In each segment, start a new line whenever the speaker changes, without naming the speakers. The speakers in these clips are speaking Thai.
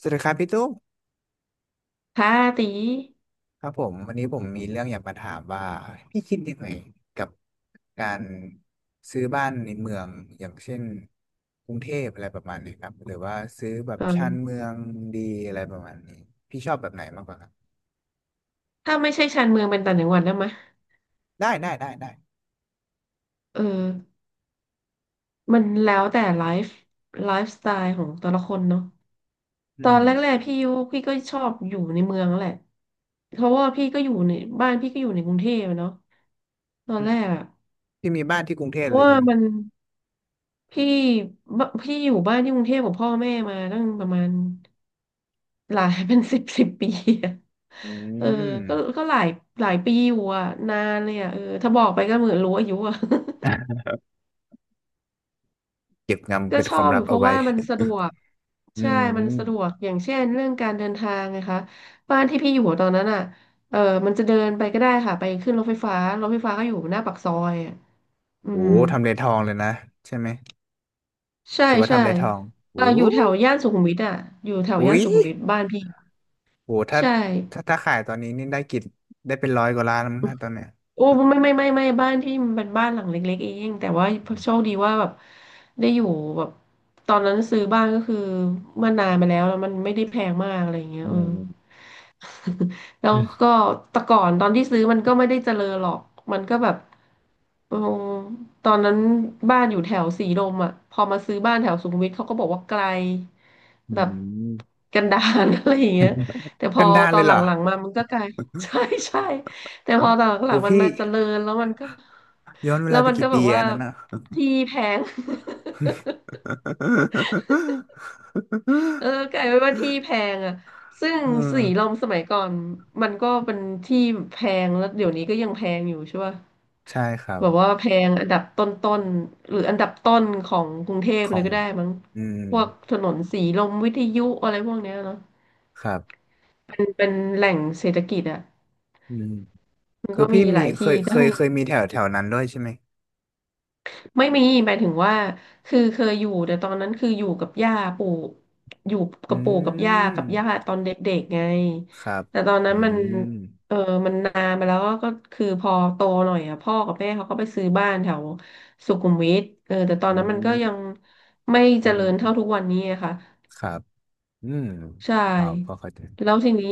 สวัสดีครับพี่ตุ้ม
ค่ะตี
ครับผมวันนี้ผมมีเรื่องอยากมาถามว่าพี่คิดยังไงกับการซื้อบ้านในเมืองอย่างเช่นกรุงเทพอะไรประมาณนี้ครับหรือว่าซื้อแบบ
เออ
ชานเมืองดีอะไรประมาณนี้พี่ชอบแบบไหนมากกว่าครับ
ถ้าไม่ใช่ชานเมืองเป็นต่างจังหวัดได้ไหม
ได้ได้ได้ได้
เออมันแล้วแต่ไลฟ์สไตล์ของแต่ละคนเนาะ
อื
ตอนแร
ม
กๆพี่ยุพี่ก็ชอบอยู่ในเมืองแหละ เพราะว่าพี่ก็อยู่ในบ้านพี่ก็อยู่ในกรุงเทพอะเนาะตอน
อื
แร
ม
กอะ
พี่มีบ้านที่กรุงเท
เพ
พ
ราะ
เลย
ว่า
ใช่ไหม
มั
ครั
น
บ
พี่พี่อยู่บ้านที่กรุงเทพกับพ่อแม่มาตั้งประมาณหลาย เป็นสิบสิบปีอะ
อื
เออ
ม
ก็ก็หลายหลายปีอยู่อะนานเลยอะถ้าบอกไปก็เหมือนรู้อายุอะ
เก็บงำ
ก็
เป็น
ช
ค
อ
วาม
บอ
ลั
ยู่
บ
เพ
เอา
ราะ
ไว้
ว่ามันสะดวก
อื
ใช่ มันสะดว
ม
กอย่างเช่นเรื่องการเดินทางนะคะบ้านที่พี่อยู่ตอนนั้นอ่ะเออมันจะเดินไปก็ได้ค่ะไปขึ้นรถไฟฟ้าก็อยู่หน้าปากซอยอะอื
โอ้
ม
ทำเลทองเลยนะใช่ไหม
ใช่
ถือว่า
ใช่
ทำเลทองโอ้
อยู่แถวย่านสุขุมวิทอ่ะอยู่แถวย่า
อุ๊
น
ย
สุขุมวิทบ้านพี่อะ
โหถ้า
ใช่
ถ้าถ้าขายตอนนี้นี่ได้กินได้เป็นร้อยกว่าล้านแล้วมั้งนะตอนเนี้ย
โอ้ไม่ไม่ไม่ไม่บ้านที่มันเป็นบ้านหลังเล็กๆเองแต่ว่าโชคดีว่าแบบได้อยู่แบบตอนนั้นซื้อบ้านก็คือเมื่อนานมาแล้วแล้วมันไม่ได้แพงมากอะไรอย่างเงี้ย
อืม
แล้
อื
ว
ม
ก็แต่ก่อนตอนที่ซื้อมันก็ไม่ได้เจริญหรอกมันก็แบบเออตอนนั้นบ้านอยู่แถวสีลมอ่ะพอมาซื้อบ้านแถวสุขุมวิทเขาก็บอกว่าไกล
อื
แบบ
ม
กันดาร อะไรอย่างเงี้ยแต่พ
กั
อ
นดาร
ตอ
เล
น
ย
ห
เหรอ
ลังๆมามันก็ไกลใช่ ใช่แต่พอตอนห
โห
ลังๆมัน
พี่
มาเจริญแล้วมันก็
ย้อนเว
แล้ว
ลาไป
มันก็
กี่
แบ
ปี
บว่า
อันนั้นอ่ะ
ที่แพง กลายเป็นว่าที่แพงอ่ะซึ่ง
อืม
สีลมสมัยก่อนมันก็เป็นที่แพงแล้วเดี๋ยวนี้ก็ยังแพงอยู่ใช่ป่ะ
ใช่ครั
แบ
บ
บว่าแพงอันดับต้นๆหรืออันดับต้นของกรุงเทพ
ข
เล
อ
ย
ง
ก็ได้มั้ง
อืม
พวกถนนสีลมวิทยุอะไรพวกเนี้ยเนาะ
ครับ
เป็นแหล่งเศรษฐกิจอ่ะ
อืม
มัน
คือ
ก็มี
พี่
ห
มี
ลาย
เค
ที่
ยเค
ได้
ยเคยมีแถวแถวนั้นด้วยใช่ไหม
ไม่มีหมายถึงว่า คือเคยอยู่ แต่ตอนนั้นคืออยู่กับย่าปู่ อยู่
อื
กับปู่กับย่ากับย่า
ม
ตอนเด็กๆไง
ครับ
แต่ตอนนั้
อื
นมัน
ม
เออมันนานมาแล้วก็คือพอโตหน่อยอ่ะพ่อกับแม่เขาก็ไปซื้อบ้านแถวสุขุมวิทแต่ตอน
อื
นั้นมันก็ยัง
ม
ไม่เจ
มัน
ริญเท่าทุกวันนี้อะค่ะ
ครับอืม
ใช่
อ๋อพอเข้าใจ
แล้วทีนี้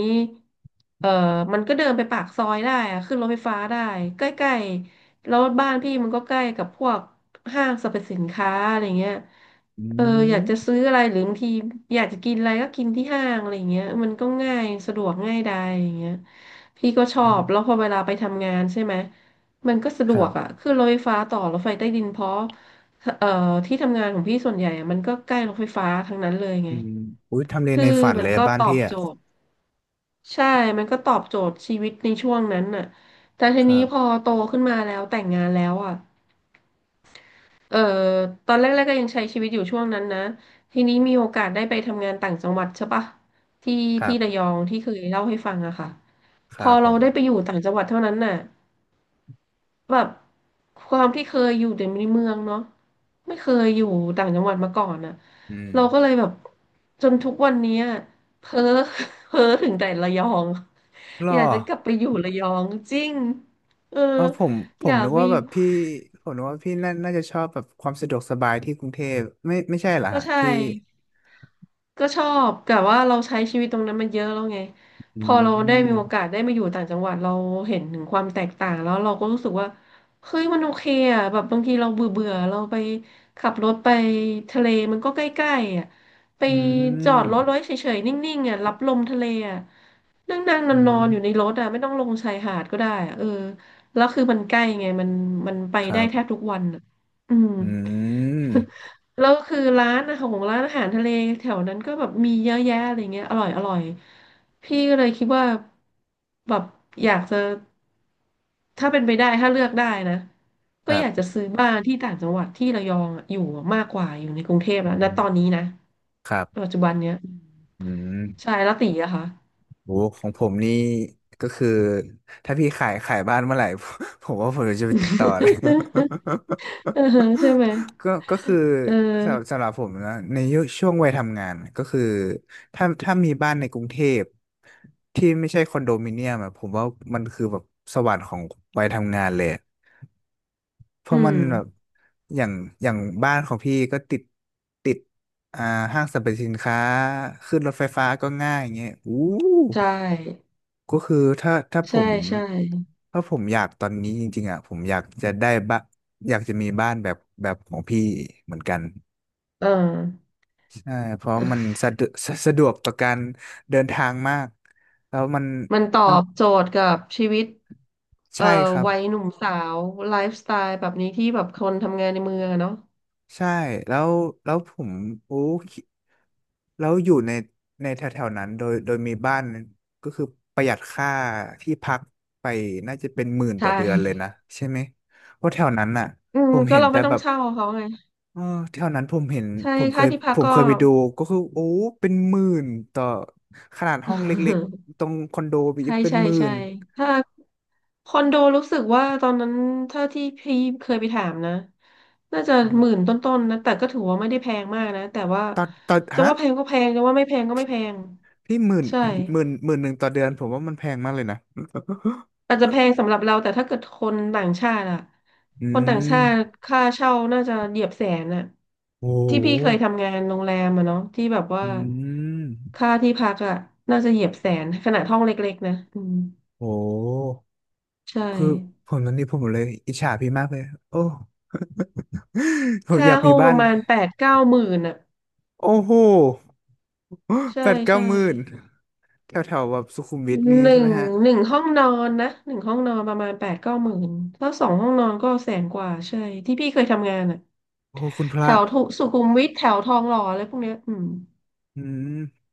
เออมันก็เดินไปปากซอยได้อะขึ้นรถไฟฟ้าได้ใกล้ๆแล้วบ้านพี่มันก็ใกล้กับพวกห้างสรรพสินค้าอะไรเงี้ย
อื
เอออยากจะ
ม
ซื้ออะไรหรือบางทีอยากจะกินอะไรก็กินที่ห้างอะไรเงี้ยมันก็ง่ายสะดวกง่ายดายอย่างเงี้ยพี่ก็ชอบแล้วพอเวลาไปทำงานใช่ไหมมันก็สะด
ค
ว
รั
กอ่ะ
บ
ขึ้นรถไฟฟ้าต่อรถไฟใต้ดินเพราะเอ่อที่ทำงานของพี่ส่วนใหญ่อะมันก็ใกล้รถไฟฟ้าทั้งนั้นเลยไง
อืมอุ้ยทำเลใน
คือ
ฝัน
มั
เล
น
ย
ก็
บ้าน
ตอ
พี่
บ
อ่ะ
โจทย์ใช่มันก็ตอบโจทย์ชีวิตในช่วงนั้นน่ะแต่ที
ครั
นี้
บ
พอโตขึ้นมาแล้วแต่งงานแล้วอ่ะเออตอนแรกๆก็ยังใช้ชีวิตอยู่ช่วงนั้นนะทีนี้มีโอกาสได้ไปทำงานต่างจังหวัดใช่ปะที่
ครั
ที่ระย
บ
องที่เคยเล่าให้ฟังอะค่ะ
ค
พอ
รับผ
เรา
ม
ได้ไปอยู่ต่างจังหวัดเท่านั้นน่ะแบบความที่เคยอยู่แต่ในเมืองเนาะไม่เคยอยู่ต่างจังหวัดมาก่อนน่ะ
อืม
เราก็เลยแบบจนทุกวันเนี้ยเพ้อ เพ้อถึงแต่ระยอง
หรอ
อยากจะกลับไปอยู่ระยองจริง เออ
เอาผมผ
อ
ม
ยาก
นึก
มี
ว่าแบบพี่ผมนึกว่าพี่น่าจะชอบแบบความสะดวกสบายที่กรุงเทพไม่ใช่เหรอ
ก็
ฮะ
ใช่
พี่
ก็ชอบแต่ว่าเราใช้ชีวิตตรงนั้นมันเยอะแล้วไง
อื
พอเราได้มีโอกา
ม
สได้มาอยู่ต่างจังหวัดเราเห็นถึงความแตกต่างแล้วเราก็รู้สึกว่าเฮ้ยมันโอเคอ่ะแบบบางทีเราเบื่อเบื่อเราไปขับรถไปทะเลมันก็ใกล้ๆอ่ะไป
อื
จอด
ม
รถไว้เฉยๆนิ่งๆอ่ะรับลมทะเลอ่ะนั่งนั่งนอ
อื
นนอนๆอยู่ใน
ม
รถอ่ะไม่ต้องลงชายหาดก็ได้อ่ะแล้วคือมันใกล้ไงมันไป
ค
ได้
รับ
แทบทุกวันอ่ะอืม
อืม
แล้วคือร้านอาหารของร้านอาหารทะเลแถวนั้นก็แบบมีเยอะแยะอะไรเงี้ยอร่อยอร่อยพี่ก็เลยคิดว่าแบบอยากจะถ้าเป็นไปได้ถ้าเลือกได้นะ
ค
ก็
รั
อยากจะ
บ
ซื้อบ้านที่ต่างจังหวัดที่ระยองอะอยู่มากกว่าอยู่ในกรุงเทพแล้
อื
วณต
ม
อนนี้นะ
ครับ
ปัจจุบันเนี้ย
อืม
ใช่แล้วตีอะค่ะ
โอ้ของผมนี่ก็คือถ้าพี่ขายบ้านเมื่อไหร่ ผมว่าผมจะไปติดต่อเลย
เออใช่ไหม
ก็คือ
เอ
สำหรับ
อ
สำหรับผมนะในยุคช่วงวัยทำงานก็คือถ้ามีบ้านในกรุงเทพที่ไม่ใช่คอนโดมิเนียมอะผมว่ามันคือแบบสวรรค์ของวัยทำงานเลยเพ
อื
ราะมั
ม
นแบบอย่างอย่างบ้านของพี่ก็ติดอ่าห้างสรรพสินค้าขึ้นรถไฟฟ้าก็ง่ายอย่างเงี้ยอู้
ใช่
ก็คือ
ใช่ใช่
ถ้าผมอยากตอนนี้จริงๆอ่ะผมอยากจะได้บ้านอยากจะมีบ้านแบบของพี่เหมือนกัน
เออ
ใช่เพราะมันสะดวกสะดวกต่อการเดินทางมากแล้วมัน
มันตอ
มัน
บโจทย์กับชีวิต เอ่อ
ใช่ครับ
วัยหนุ่มสาวไลฟ์สไตล์แบบนี้ที่แบบคนทำงานในเมืองอะเนาะ
ใช่แล้วแล้วผมโอ้คิดแล้วอยู่ในแถวๆนั้นโดยมีบ้านก็คือประหยัดค่าที่พักไปน่าจะเป็นหมื่น
ใช
ต่อเดือนเลย
่
นะใช่ไหมเพราะแถวนั้นอ่ะ
อืม
ผม
ก็
เห็น
เรา
แต่
ไม่ต้อ
แบ
ง
บ
เช่าเขาไง
เออแถวนั้นผมเห็น
ใช่
ผมเค
ค่า
ย
ที่พัก
ผม
ก็
เคยไปดูก็คือโอ้เป็นหมื่นต่อขนาดห้องเล็ก ๆตรงคอนโดไป
ใช่
เป็น
ใช่
หมื่
ใช่
น
ถ้าคอนโดรู้สึกว่าตอนนั้นถ้าที่พี่เคยไปถามนะน่าจะ
นะค
ห
รับ
มื่นต้นๆนะแต่ก็ถือว่าไม่ได้แพงมากนะแต่ว่า
ต่อ
จะ
ฮะ
ว่าแพงก็แพงจะว่าไม่แพงก็ไม่แพง
พี่หมื่น
ใช่
หมื่นหมื่นหนึ่งต่อเดือนผมว่ามันแพงมากเลยนะ
อาจจะแพงสำหรับเราแต่ถ้าเกิดคนต่างชาติอะ
อื
คนต่างชา
ม
ติค่าเช่าน่าจะเหยียบแสนอะ
โอ้
ที่
โห
พี่เคยทำงานโรงแรมอะเนาะที่แบบว่า
อืม
ค่าที่พักอะน่าจะเหยียบแสนขนาดห้องเล็กๆนะอืม
โอ้
ใช่
คือผมตอนนี้ผมเลยอิจฉาพี่มากเลยโอ้ ผมอ
ค่า
ยาก
ห้
มี
องป
บ้า
ระ
น
มาณแปดเก้าหมื่นอะ
โอ้โห
ใช่
แปดเก้า
ใช่
หมื่นแถวแถวแบบสุขุมวิทนี่
หนึ่
ใช่
ง
ไหมฮะ
หนึ่งห้องนอนนะหนึ่งห้องนอนประมาณแปดเก้าหมื่นถ้าสองห้องนอนก็แสนกว่าใช่ที่พี่เคยทำงานอะ
โอ้โหคุณพ
แถ
ระ
วทุสุขุมวิทแถวทองหล่ออะไรพวกเนี้ยอืม
อืม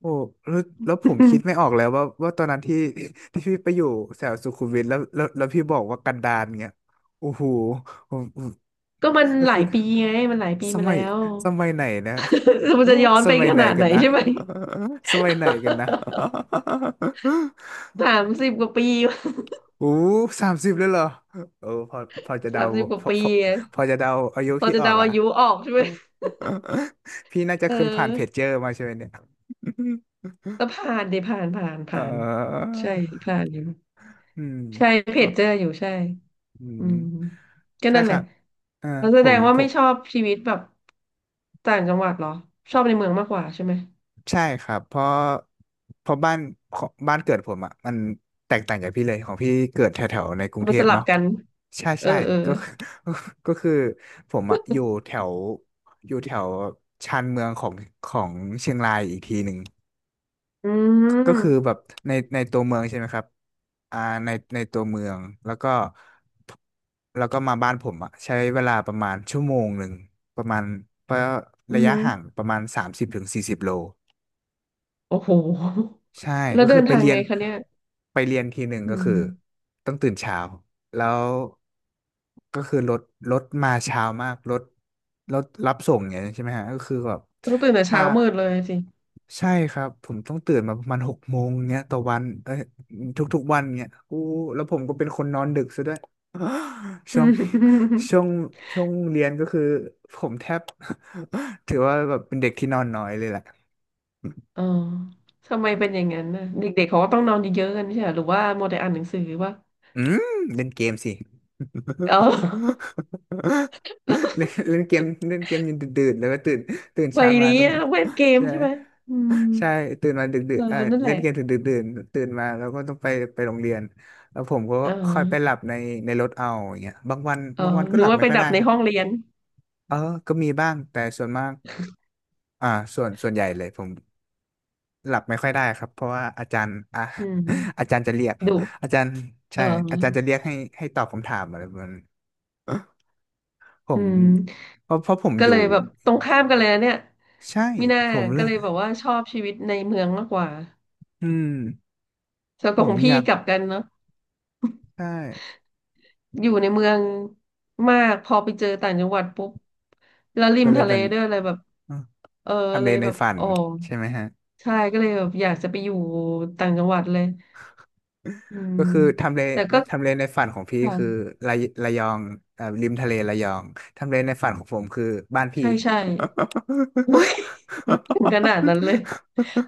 โอ้แล้วแล้วผม
อื
คิดไม่
ม
ออกแล้วว่าตอนนั้นที่ ที่พี่ไปอยู่แถวสุขุมวิทแล้วพี่บอกว่ากันดารเงี้ยโอ้โหผม
ก็มัน
ก็
หลา
คื
ย
อ
ปีไงมันหลายปี
ส
มา
มั
แล้
ย
ว
สมัยไหนนะ
มันจะย้อน
ส
ไป
มัย
ข
ไหน
นาดไห
กั
น
นนะ
ใช่ไหม
สมัยไหนกันนะ
สามสิบกว่าปี
โอ้สามสิบเลยเหรอเออพอจะ
สา
เดา
มสิบกว่า
พอ
ปี
พอ
ไง
พอจะเดาอายุ
พอ
พี่
จะ
ออ
เดา
กอ่ะ
อายุออกใช่ไหม
พี่น่าจะ
เออ
เคยผ่านเพจเจอร์มาใช่ไหมเนี่ย
แล้ วผ่านดิผ่านผ่าน
เ
ผ่าน
ออ
ใช่ผ่านอยู่
อืม
ใช่เพ
อ๋อ
จเจออยู่ใช่
อื
อื
ม
มก็
ใช่
นั่น
ค
แหละ
รับอ่า
แล้วแส
ผ
ด
ม
งว่า
ผ
ไม่
ม
ชอบชีวิตแบบต่างจังหวัดเหรอชอบในเมืองมากกว่าใช่ไหม
ใช่ครับเพราะบ้านเกิดผมอ่ะมันแตกต่างจากพี่เลยของพี่เกิดแถวๆในกรุ
เอา
งเท
มาส
พ
ลับ
เนาะ
กัน
ใช่
เออ
ใช่
เออ
ก็ คือ ก็คือผมอ่ะอยู่แถวชานเมืองของเชียงรายอีกทีหนึ่ง
อื
ก็คือแบ
ม
บในในตัวเมืองใช่ไหมครับอ่าในในตัวเมืองแล้วก็แล้วก็มาบ้านผมอะใช้เวลาประมาณชั่วโมงหนึ่งประมาณเพราะ
อื
ระยะ
ม
ห่างประมาณ30-40 โล
โอ้โห
ใช่
แล้ว
ก็
เดิ
คือ
น
ไป
ทาง
เรีย
ไง
น
คะเนี่ย
ไปเรียนทีหนึ่ง
อื
ก็คือ
ม
ต้องตื่นเช้าแล้วก็คือรถมาเช้ามากรถรับส่งอย่างนี้ยใช่ไหมฮะก็คือแบบ
ต้องตื่นแต่
ถ้า
เช้ามืดเลยสิ
ใช่ครับผมต้องตื่นมาประมาณ6 โมงเงี้ยต่อวันเอ้ยทุกๆวันเงี้ยอู้แล้วผมก็เป็นคนนอนดึกซะด้วย
อื
ช่วง
ม
ช่วงช่วงเรียนก็คือผมแทบ ถือว่าแบบเป็นเด็กที่นอนน้อยเลยแหละ
อ๋อทำไมเป็นอย่างนั้นน่ะเด็กๆเขาก็ต้องนอนเยอะๆกันใช่ไหมหรือว่าโมัวแต่อ่านหนังสือวะ
อืมเล่นเกมสิ
เออ
เล่นเล่นเกมเล่นเกมจนดึกๆแล้วก็ตื่น
วั
เช้า
ย
มา
นี้
ต้อง
อะเล่นเกม
ใช่
ใช่ไหมอืม
ใช่ตื่นมาดึกดึ
เอ
ก
อ
เออ
นั่นแห
เล่
ละ
นเกมถึงดึกดื่นตื่นมาแล้วก็ต้องไปโรงเรียนแล้วผมก็
อ๋อ
ค่อยไปหลับในรถเอาอย่างเงี้ยบางวัน
อ๋อ
บางวันก็
หนู
หลับ
ว่า
ไม่
ไป
ค่อย
ดับ
ได้
ใน
ฮะ
ห้องเรียน
เออก็มีบ้างแต่ส่วนมากอ่าส่วนใหญ่เลยผมหลับไม่ค่อยได้ครับเพราะว่าอาจารย์อ่ะ
อื
อา
ม
จารย์จะเรียก
ดุ
อาจารย์
เอ
ใช่อาจารย์จะเรี
อ
ยกให้ตอบคำถามอะไรประมาณ ผ
อื
ม
ม
เพราะผม
ก็
อ
เล
ยู่
ยแบบตรงข้ามกันเลยนะเนี่ย
ใช่
มิน่า
ผมเล
ก็
ย
เลยแบบว่าชอบชีวิตในเมืองมากกว่า
อืม
ส่วน
ผ
ข
ม
อง
อ
พี่
ยาก
กลับกันเนาะ
ใช่
อยู่ในเมืองมากพอไปเจอต่างจังหวัดปุ๊บแล้วริ
ก็
ม
เลย
ทะเล
เป็น
ด้วยอะไรแบบ
อ่ะ
เออ
ทำ
เล
เล
ย
ใน
แบบ
ฝัน
อ๋อ
ใช่ไหมฮะ
ใช่ก็เลยแบบอยากจะไปอยู่ต่างจังหวัดเลยอื
ก็
ม
คือทำเล
แต่ก็
ทำเลในฝันของพี่คือ
ค่ะ
ระยองริมทะเลระยองทำเลในฝันของผมคือบ้านพี่
ใช่ใช่โอ้ย ถึงขนาดนั้นเลย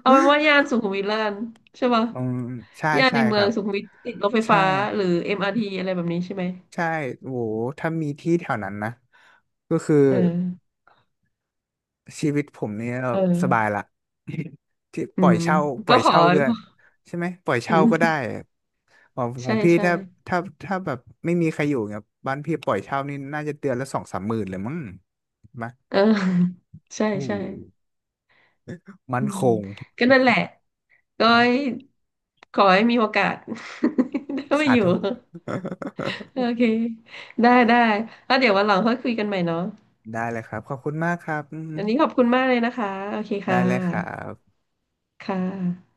เอาเป็นว่าย่านสุ ขุมวิทแล้วกันใช่ปะ
อืมใช่
ย่านใน
ใช่
เมื
ค
อ
รั
ง
บ
สุขุมวิทติดรถไฟ
ใช่
ฟ้าหรือ MRT อมอาร์ทีอะไรแบบนี้ใช่ไหม
ใช่โหถ้ามีที่แถวนั้นนะก็คือ
เออ
ชีวิตผมเนี่ย
เ
สบาย
ออ
ละ ที่
อื
ปล่อย
ม
เช่าปล่
ก็
อย
ขอ
เช่าด้วยใช่ไหมปล่อย
อื
เช่าก็ได้
ม
ของข
ใช่
องพี่
ใช่
ถ้าถ้าแบบไม่มีใครอยู่เนี่ยบ้านพี่ปล่อยเช่านี่น่าจะเดือนละสองสามหมื่นเลยมั้งมา
เออ ใช่
โอ้
ใช่
มั
อื
น
ม
คง
ก็นั่นแหละก็ให้ขอให้มีโอกาส ได้มา
สา
อยู่
ธุ
โอเคได้ได้แล้วเดี๋ยววันหลังค่อยคุยกันใหม่เนาะ
ได้เลยครับขอบคุณมากครับอืม
อันนี้ขอบคุณมากเลยนะคะโอเค
ได้
ค่ะ
เลยครับ
ค่ะ